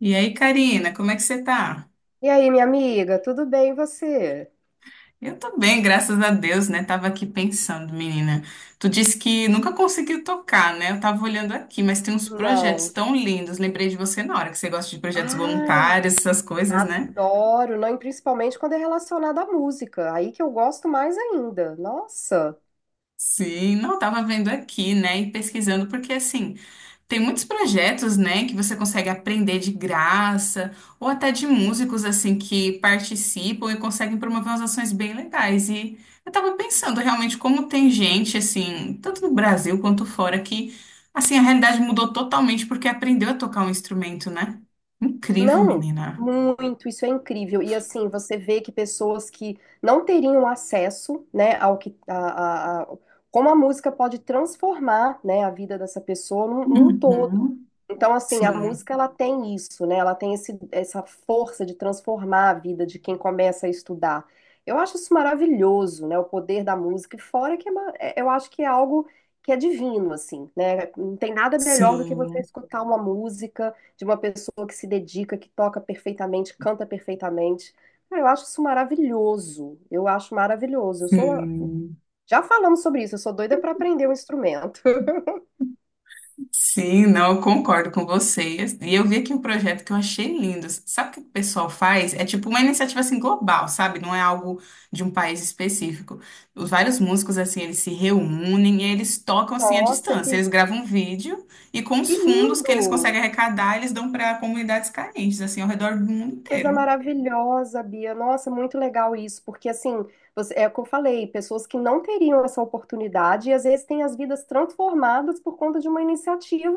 E aí, Karina, como é que você tá? E aí, minha amiga, tudo bem e você? Eu tô bem, graças a Deus, né? Tava aqui pensando, menina. Tu disse que nunca conseguiu tocar, né? Eu tava olhando aqui, mas tem uns projetos Não. tão lindos. Lembrei de você na hora que você gosta de projetos Ai, voluntários, essas coisas, né? adoro, não, e principalmente quando é relacionado à música. Aí que eu gosto mais ainda. Nossa. Sim, não, tava vendo aqui, né? E pesquisando, porque assim. Tem muitos projetos, né, que você consegue aprender de graça, ou até de músicos, assim, que participam e conseguem promover umas ações bem legais. E eu tava pensando realmente como tem gente, assim, tanto no Brasil quanto fora, que, assim, a realidade mudou totalmente porque aprendeu a tocar um instrumento, né? Incrível, Não, menina. muito, isso é incrível. E assim, você vê que pessoas que não teriam acesso, né, ao que a- como a música pode transformar, né, a vida dessa pessoa num todo. Uhum. Então, assim, a Sim, música ela tem isso, né? Ela tem essa força de transformar a vida de quem começa a estudar. Eu acho isso maravilhoso, né? O poder da música. E fora que eu acho que é algo que é divino, assim, né? Não tem nada melhor do que você sim, escutar uma música de uma pessoa que se dedica, que toca perfeitamente, canta perfeitamente. Cara, eu acho isso maravilhoso. Eu acho maravilhoso. Eu sou, sim. já falamos sobre isso, eu sou doida para aprender um instrumento. Sim, não, eu concordo com vocês. E eu vi aqui um projeto que eu achei lindo. Sabe o que o pessoal faz? É tipo uma iniciativa assim global, sabe? Não é algo de um país específico. Os vários músicos assim, eles se reúnem e eles tocam assim à Nossa, distância. que, Eles gravam um vídeo e com que os fundos que lindo! eles conseguem arrecadar, eles dão para comunidades carentes assim ao redor do mundo Coisa inteiro. maravilhosa, Bia. Nossa, muito legal isso, porque assim, você- é o que eu falei, pessoas que não teriam essa oportunidade e às vezes têm as vidas transformadas por conta de uma iniciativa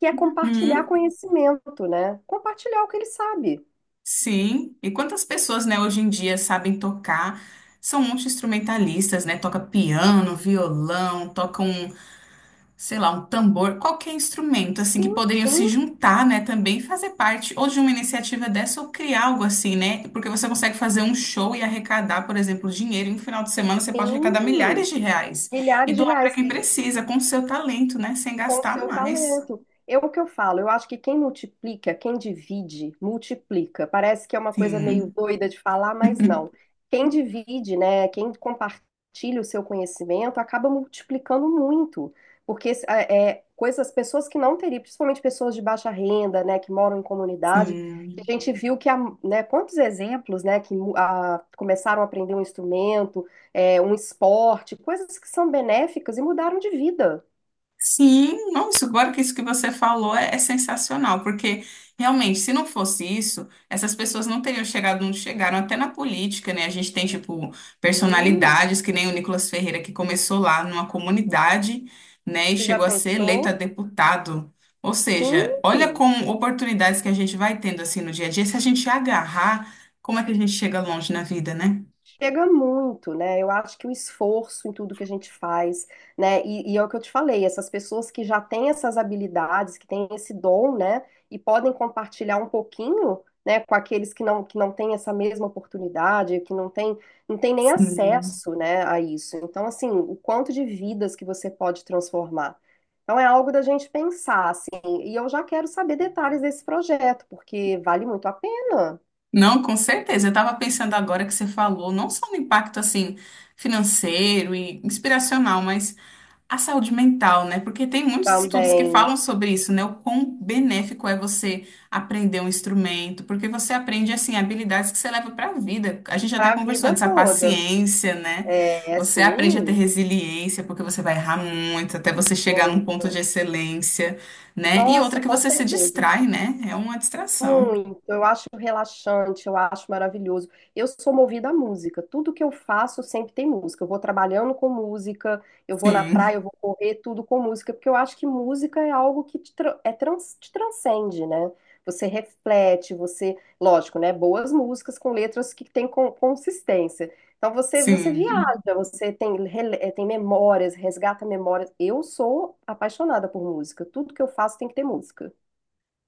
que é compartilhar Uhum. conhecimento, né? Compartilhar o que ele sabe. Sim, e quantas pessoas, né, hoje em dia sabem tocar? São multi-instrumentalistas, né? Toca piano, violão, tocam sei lá, um tambor, qualquer instrumento assim que Sim, poderiam se sim. juntar, né, também e fazer parte ou de uma iniciativa dessa ou criar algo assim, né? Porque você consegue fazer um show e arrecadar, por exemplo, dinheiro, e no final de semana você pode arrecadar milhares Sim, de reais e milhares de doar para reais. quem E, precisa com o seu talento, né, sem com o gastar seu mais. talento. Eu, o que eu falo, eu acho que quem multiplica, quem divide, multiplica. Parece que é uma coisa meio Sim, doida de falar, mas não. Quem divide, né, quem compartilha o seu conhecimento, acaba multiplicando muito. Porque é, é, coisas, pessoas que não teriam, principalmente pessoas de baixa renda, né, que moram em comunidade, sim. que a gente viu que há, né, quantos exemplos, né, que começaram a aprender um instrumento, é, um esporte, coisas que são benéficas e mudaram de vida. Sim, nossa, agora que isso que você falou é, é sensacional, porque realmente, se não fosse isso, essas pessoas não teriam chegado onde chegaram, até na política, né? A gente tem, tipo, Sim. personalidades, que nem o Nicolas Ferreira, que começou lá numa comunidade, né, e Você já chegou a ser eleito a pensou? deputado. Ou Sim, seja, olha como oportunidades que a gente vai tendo, assim, no dia a dia, se a gente agarrar, como é que a gente chega longe na vida, né? chega muito, né? Eu acho que o esforço em tudo que a gente faz, né? E é o que eu te falei, essas pessoas que já têm essas habilidades, que têm esse dom, né? E podem compartilhar um pouquinho, né? Com aqueles que não têm essa mesma oportunidade, que não têm, não têm nem Sim. acesso, né? A isso. Então, assim, o quanto de vidas que você pode transformar. Então, é algo da gente pensar, assim. E eu já quero saber detalhes desse projeto, porque vale muito a pena. Não, com certeza. Eu estava pensando agora que você falou, não só no impacto assim financeiro e inspiracional, mas a saúde mental, né? Porque tem muitos estudos que Também, falam sobre isso, né? O quão benéfico é você aprender um instrumento, porque você aprende assim habilidades que você leva para a vida. A gente até para a conversou vida antes, a toda. paciência, né? É Você aprende a ter assim, resiliência, porque você vai errar muito até você chegar num ponto de muito. excelência, né? E outra Nossa, que com você se certeza. distrai, né? É uma distração. Muito, eu acho relaxante, eu acho maravilhoso. Eu sou movida à música, tudo que eu faço sempre tem música. Eu vou trabalhando com música, eu vou na praia, Sim, eu vou correr, tudo com música, porque eu acho que música é algo que te transcende, né? Você reflete, você, lógico, né? Boas músicas com letras que têm consistência. Então você, você sim. viaja, você tem, tem memórias, resgata memórias. Eu sou apaixonada por música, tudo que eu faço tem que ter música.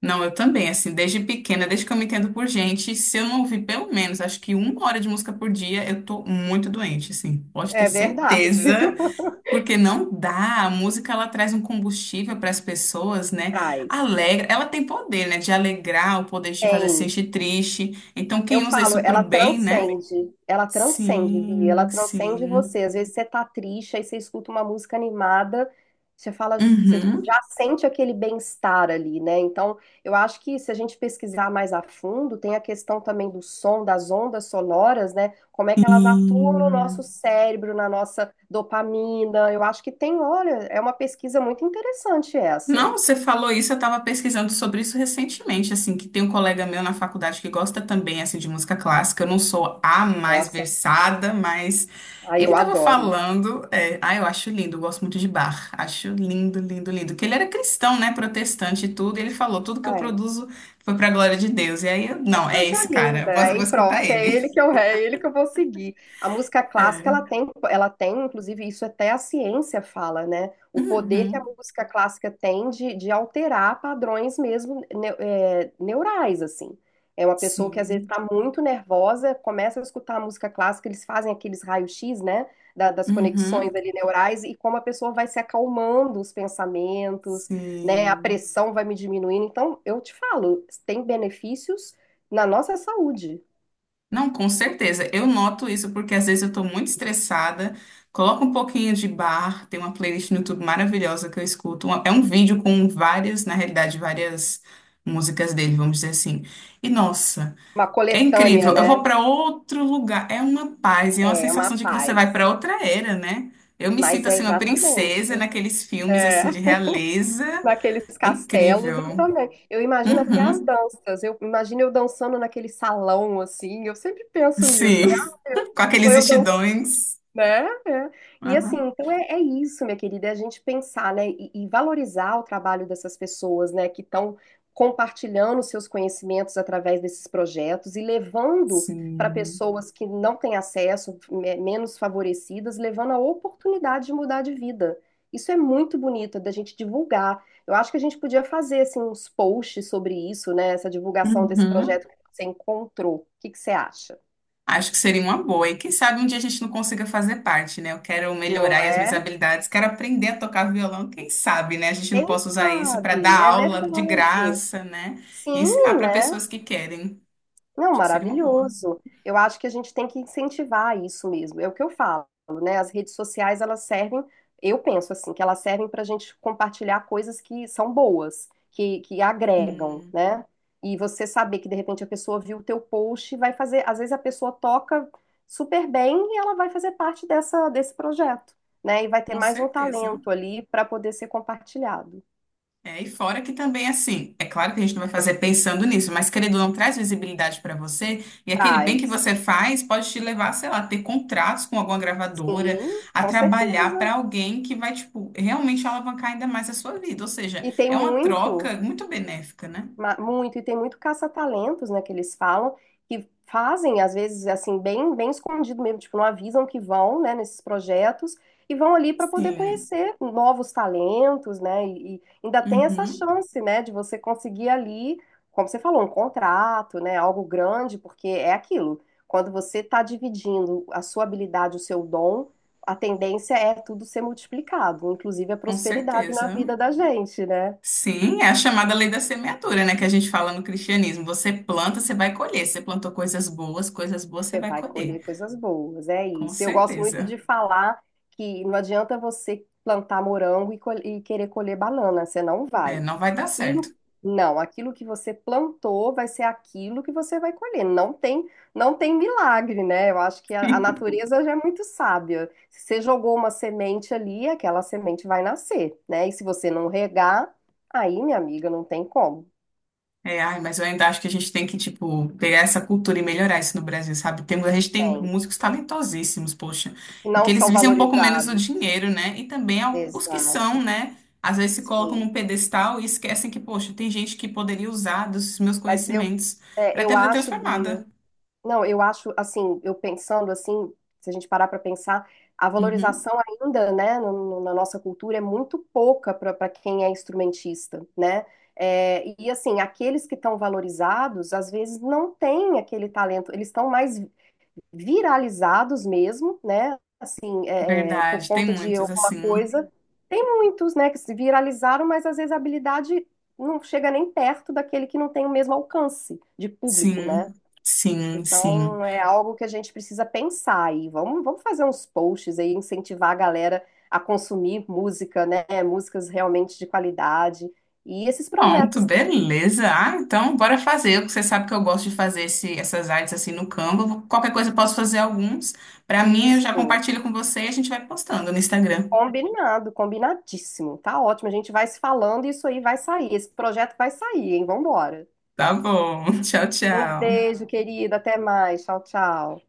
Não, eu também, assim, desde pequena, desde que eu me entendo por gente, se eu não ouvir pelo menos, acho que uma hora de música por dia, eu tô muito doente, assim, pode ter É verdade. certeza, porque não dá, a música, ela traz um combustível para as pessoas, né, Traz. alegra, ela tem poder, né, de alegrar, o poder de te fazer se Tem. sentir triste, então Eu quem usa falo, isso pro ela bem, né? transcende. Ela transcende, Bia. Ela Sim, transcende sim. você. Às vezes você tá triste, aí você escuta uma música animada, você fala, você Uhum. já sente aquele bem-estar ali, né? Então, eu acho que se a gente pesquisar mais a fundo, tem a questão também do som, das ondas sonoras, né? Como é que elas atuam no nosso Sim. cérebro, na nossa dopamina. Eu acho que tem, olha, é uma pesquisa muito interessante essa. Não, você falou isso, eu estava pesquisando sobre isso recentemente, assim, que tem um colega meu na faculdade que gosta também, assim, de música clássica. Eu não sou a mais Nossa, versada, mas aí ele eu estava adoro. falando, é, ah, eu acho lindo, eu gosto muito de Bach, acho lindo, lindo, lindo. Que ele era cristão, né, protestante e tudo, e ele falou, tudo que eu Ai. produzo foi para a glória de Deus. E aí, eu, Uma não, é coisa esse cara, eu linda. vou, vou Aí pronto, escutar ele. É ele que eu vou seguir. A música clássica, É. Ela tem, inclusive, isso até a ciência fala, né? O poder que a Uhum, música clássica tem de alterar padrões mesmo neurais, assim. É uma pessoa que às vezes sim. está muito nervosa, começa a escutar a música clássica, eles fazem aqueles raios-x, né? Das conexões Uhum, ali neurais e como a pessoa vai se acalmando os pensamentos, né? A sim. pressão vai me diminuindo. Então, eu te falo, tem benefícios na nossa saúde. Não, com certeza. Eu noto isso porque às vezes eu tô muito estressada, coloco um pouquinho de bar, tem uma playlist no YouTube maravilhosa que eu escuto. É um vídeo com várias, na realidade, várias músicas dele, vamos dizer assim. E nossa, Uma é coletânea, incrível. Eu vou né? para outro lugar, é uma paz, e é uma É, uma sensação de que você vai paz. para outra era, né? Eu me sinto Mas é assim uma exatamente. princesa naqueles filmes É, assim de realeza. naqueles É castelos eu incrível. também. Eu imagino até as Uhum. danças. Eu imagino eu dançando naquele salão assim. Eu sempre penso nisso. Sim, Falei, ah, com sou aqueles eu. vestidões. Né? É. E assim, Aham. então é isso, minha querida, é a gente pensar, né, e valorizar o trabalho dessas pessoas, né, que estão compartilhando seus conhecimentos através desses projetos e levando para Sim. pessoas que não têm acesso, menos favorecidas, levando a oportunidade de mudar de vida. Isso é muito bonito da gente divulgar. Eu acho que a gente podia fazer assim uns posts sobre isso, né, essa divulgação desse Uhum. projeto que você encontrou. O que que você acha? Acho que seria uma boa. E quem sabe um dia a gente não consiga fazer parte, né? Eu quero melhorar Não aí as minhas é? habilidades, quero aprender a tocar violão. Quem sabe, né? A gente não Quem possa usar isso para sabe? dar É aula de verdade. graça, né? E Sim, ensinar para né? pessoas que querem. Não, Acho que seria uma boa. maravilhoso. Eu acho que a gente tem que incentivar isso mesmo. É o que eu falo, né? As redes sociais, elas servem, eu penso assim, que elas servem para a gente compartilhar coisas que são boas, que agregam, Hum, né? E você saber que de repente a pessoa viu o teu post e vai fazer, às vezes a pessoa toca super bem e ela vai fazer parte desse projeto, né? E vai ter com mais um certeza. talento ali para poder ser compartilhado. É, e fora que também, assim, é claro que a gente não vai fazer pensando nisso, mas querendo ou não, traz visibilidade para você, e aquele bem que Traz. você faz pode te levar, sei lá, a ter contratos com alguma gravadora, Sim, a com trabalhar certeza. para alguém que vai, tipo, realmente alavancar ainda mais a sua vida. Ou seja, E tem é uma muito, troca muito benéfica, né? Muito, e tem muito caça-talentos, né, que eles falam, que fazem, às vezes, assim, bem, bem escondido mesmo, tipo, não avisam que vão, né, nesses projetos, e vão ali para poder Sim. conhecer novos talentos, né, e ainda tem essa Uhum. chance, né, de você conseguir ali, como você falou, um contrato, né, algo grande, porque é aquilo, quando você está dividindo a sua habilidade, o seu dom, a tendência é tudo ser multiplicado, inclusive a Com prosperidade na certeza. vida da gente, né? Sim, é a chamada lei da semeadura, né, que a gente fala no cristianismo. Você planta, você vai colher. Você plantou coisas boas você Você vai vai colher. colher coisas boas, é Com isso. Eu gosto muito certeza. de falar que não adianta você plantar morango e querer colher banana, você não É, vai. não vai dar certo. Aquilo, não, aquilo que você plantou vai ser aquilo que você vai colher. Não tem, não tem milagre, né? Eu acho que a natureza já é muito sábia. Se você jogou uma semente ali, aquela semente vai nascer, né? E se você não regar, aí, minha amiga, não tem como. É, ai, mas eu ainda acho que a gente tem que, tipo, pegar essa cultura e melhorar isso no Brasil, sabe? Tem, a gente tem Tem. músicos talentosíssimos, poxa, E e não que eles são visem um pouco menos o valorizados. dinheiro, né? E também os que são, Exato. né? Às vezes se colocam num Sim. pedestal e esquecem que, poxa, tem gente que poderia usar dos meus Mas eu, conhecimentos é, para ter eu vida acho, Bia. transformada. Não, eu acho, assim, eu pensando assim, se a gente parar para pensar, a Uhum, valorização ainda, né, na nossa cultura é muito pouca para quem é instrumentista, né? É, e assim, aqueles que estão valorizados, às vezes não têm aquele talento, eles estão mais viralizados mesmo, né? Assim, é, por verdade, tem conta de muitos alguma assim. coisa. Tem muitos, né, que se viralizaram, mas às vezes a habilidade não chega nem perto daquele que não tem o mesmo alcance de público, né? Sim, sim. Então, é algo que a gente precisa pensar aí. Vamos fazer uns posts aí, incentivar a galera a consumir música, né? Músicas realmente de qualidade. E esses Pronto, projetos. beleza. Ah, então bora fazer. Você sabe que eu gosto de fazer essas artes assim no Canva. Qualquer coisa eu posso fazer alguns. Pra mim, eu já Isso. compartilho com você e a gente vai postando no Instagram. Combinado, combinadíssimo. Tá ótimo. A gente vai se falando e isso aí vai sair. Esse projeto vai sair, hein? Vambora. Tá bom. Tchau, Um tchau. beijo, querida. Até mais. Tchau, tchau.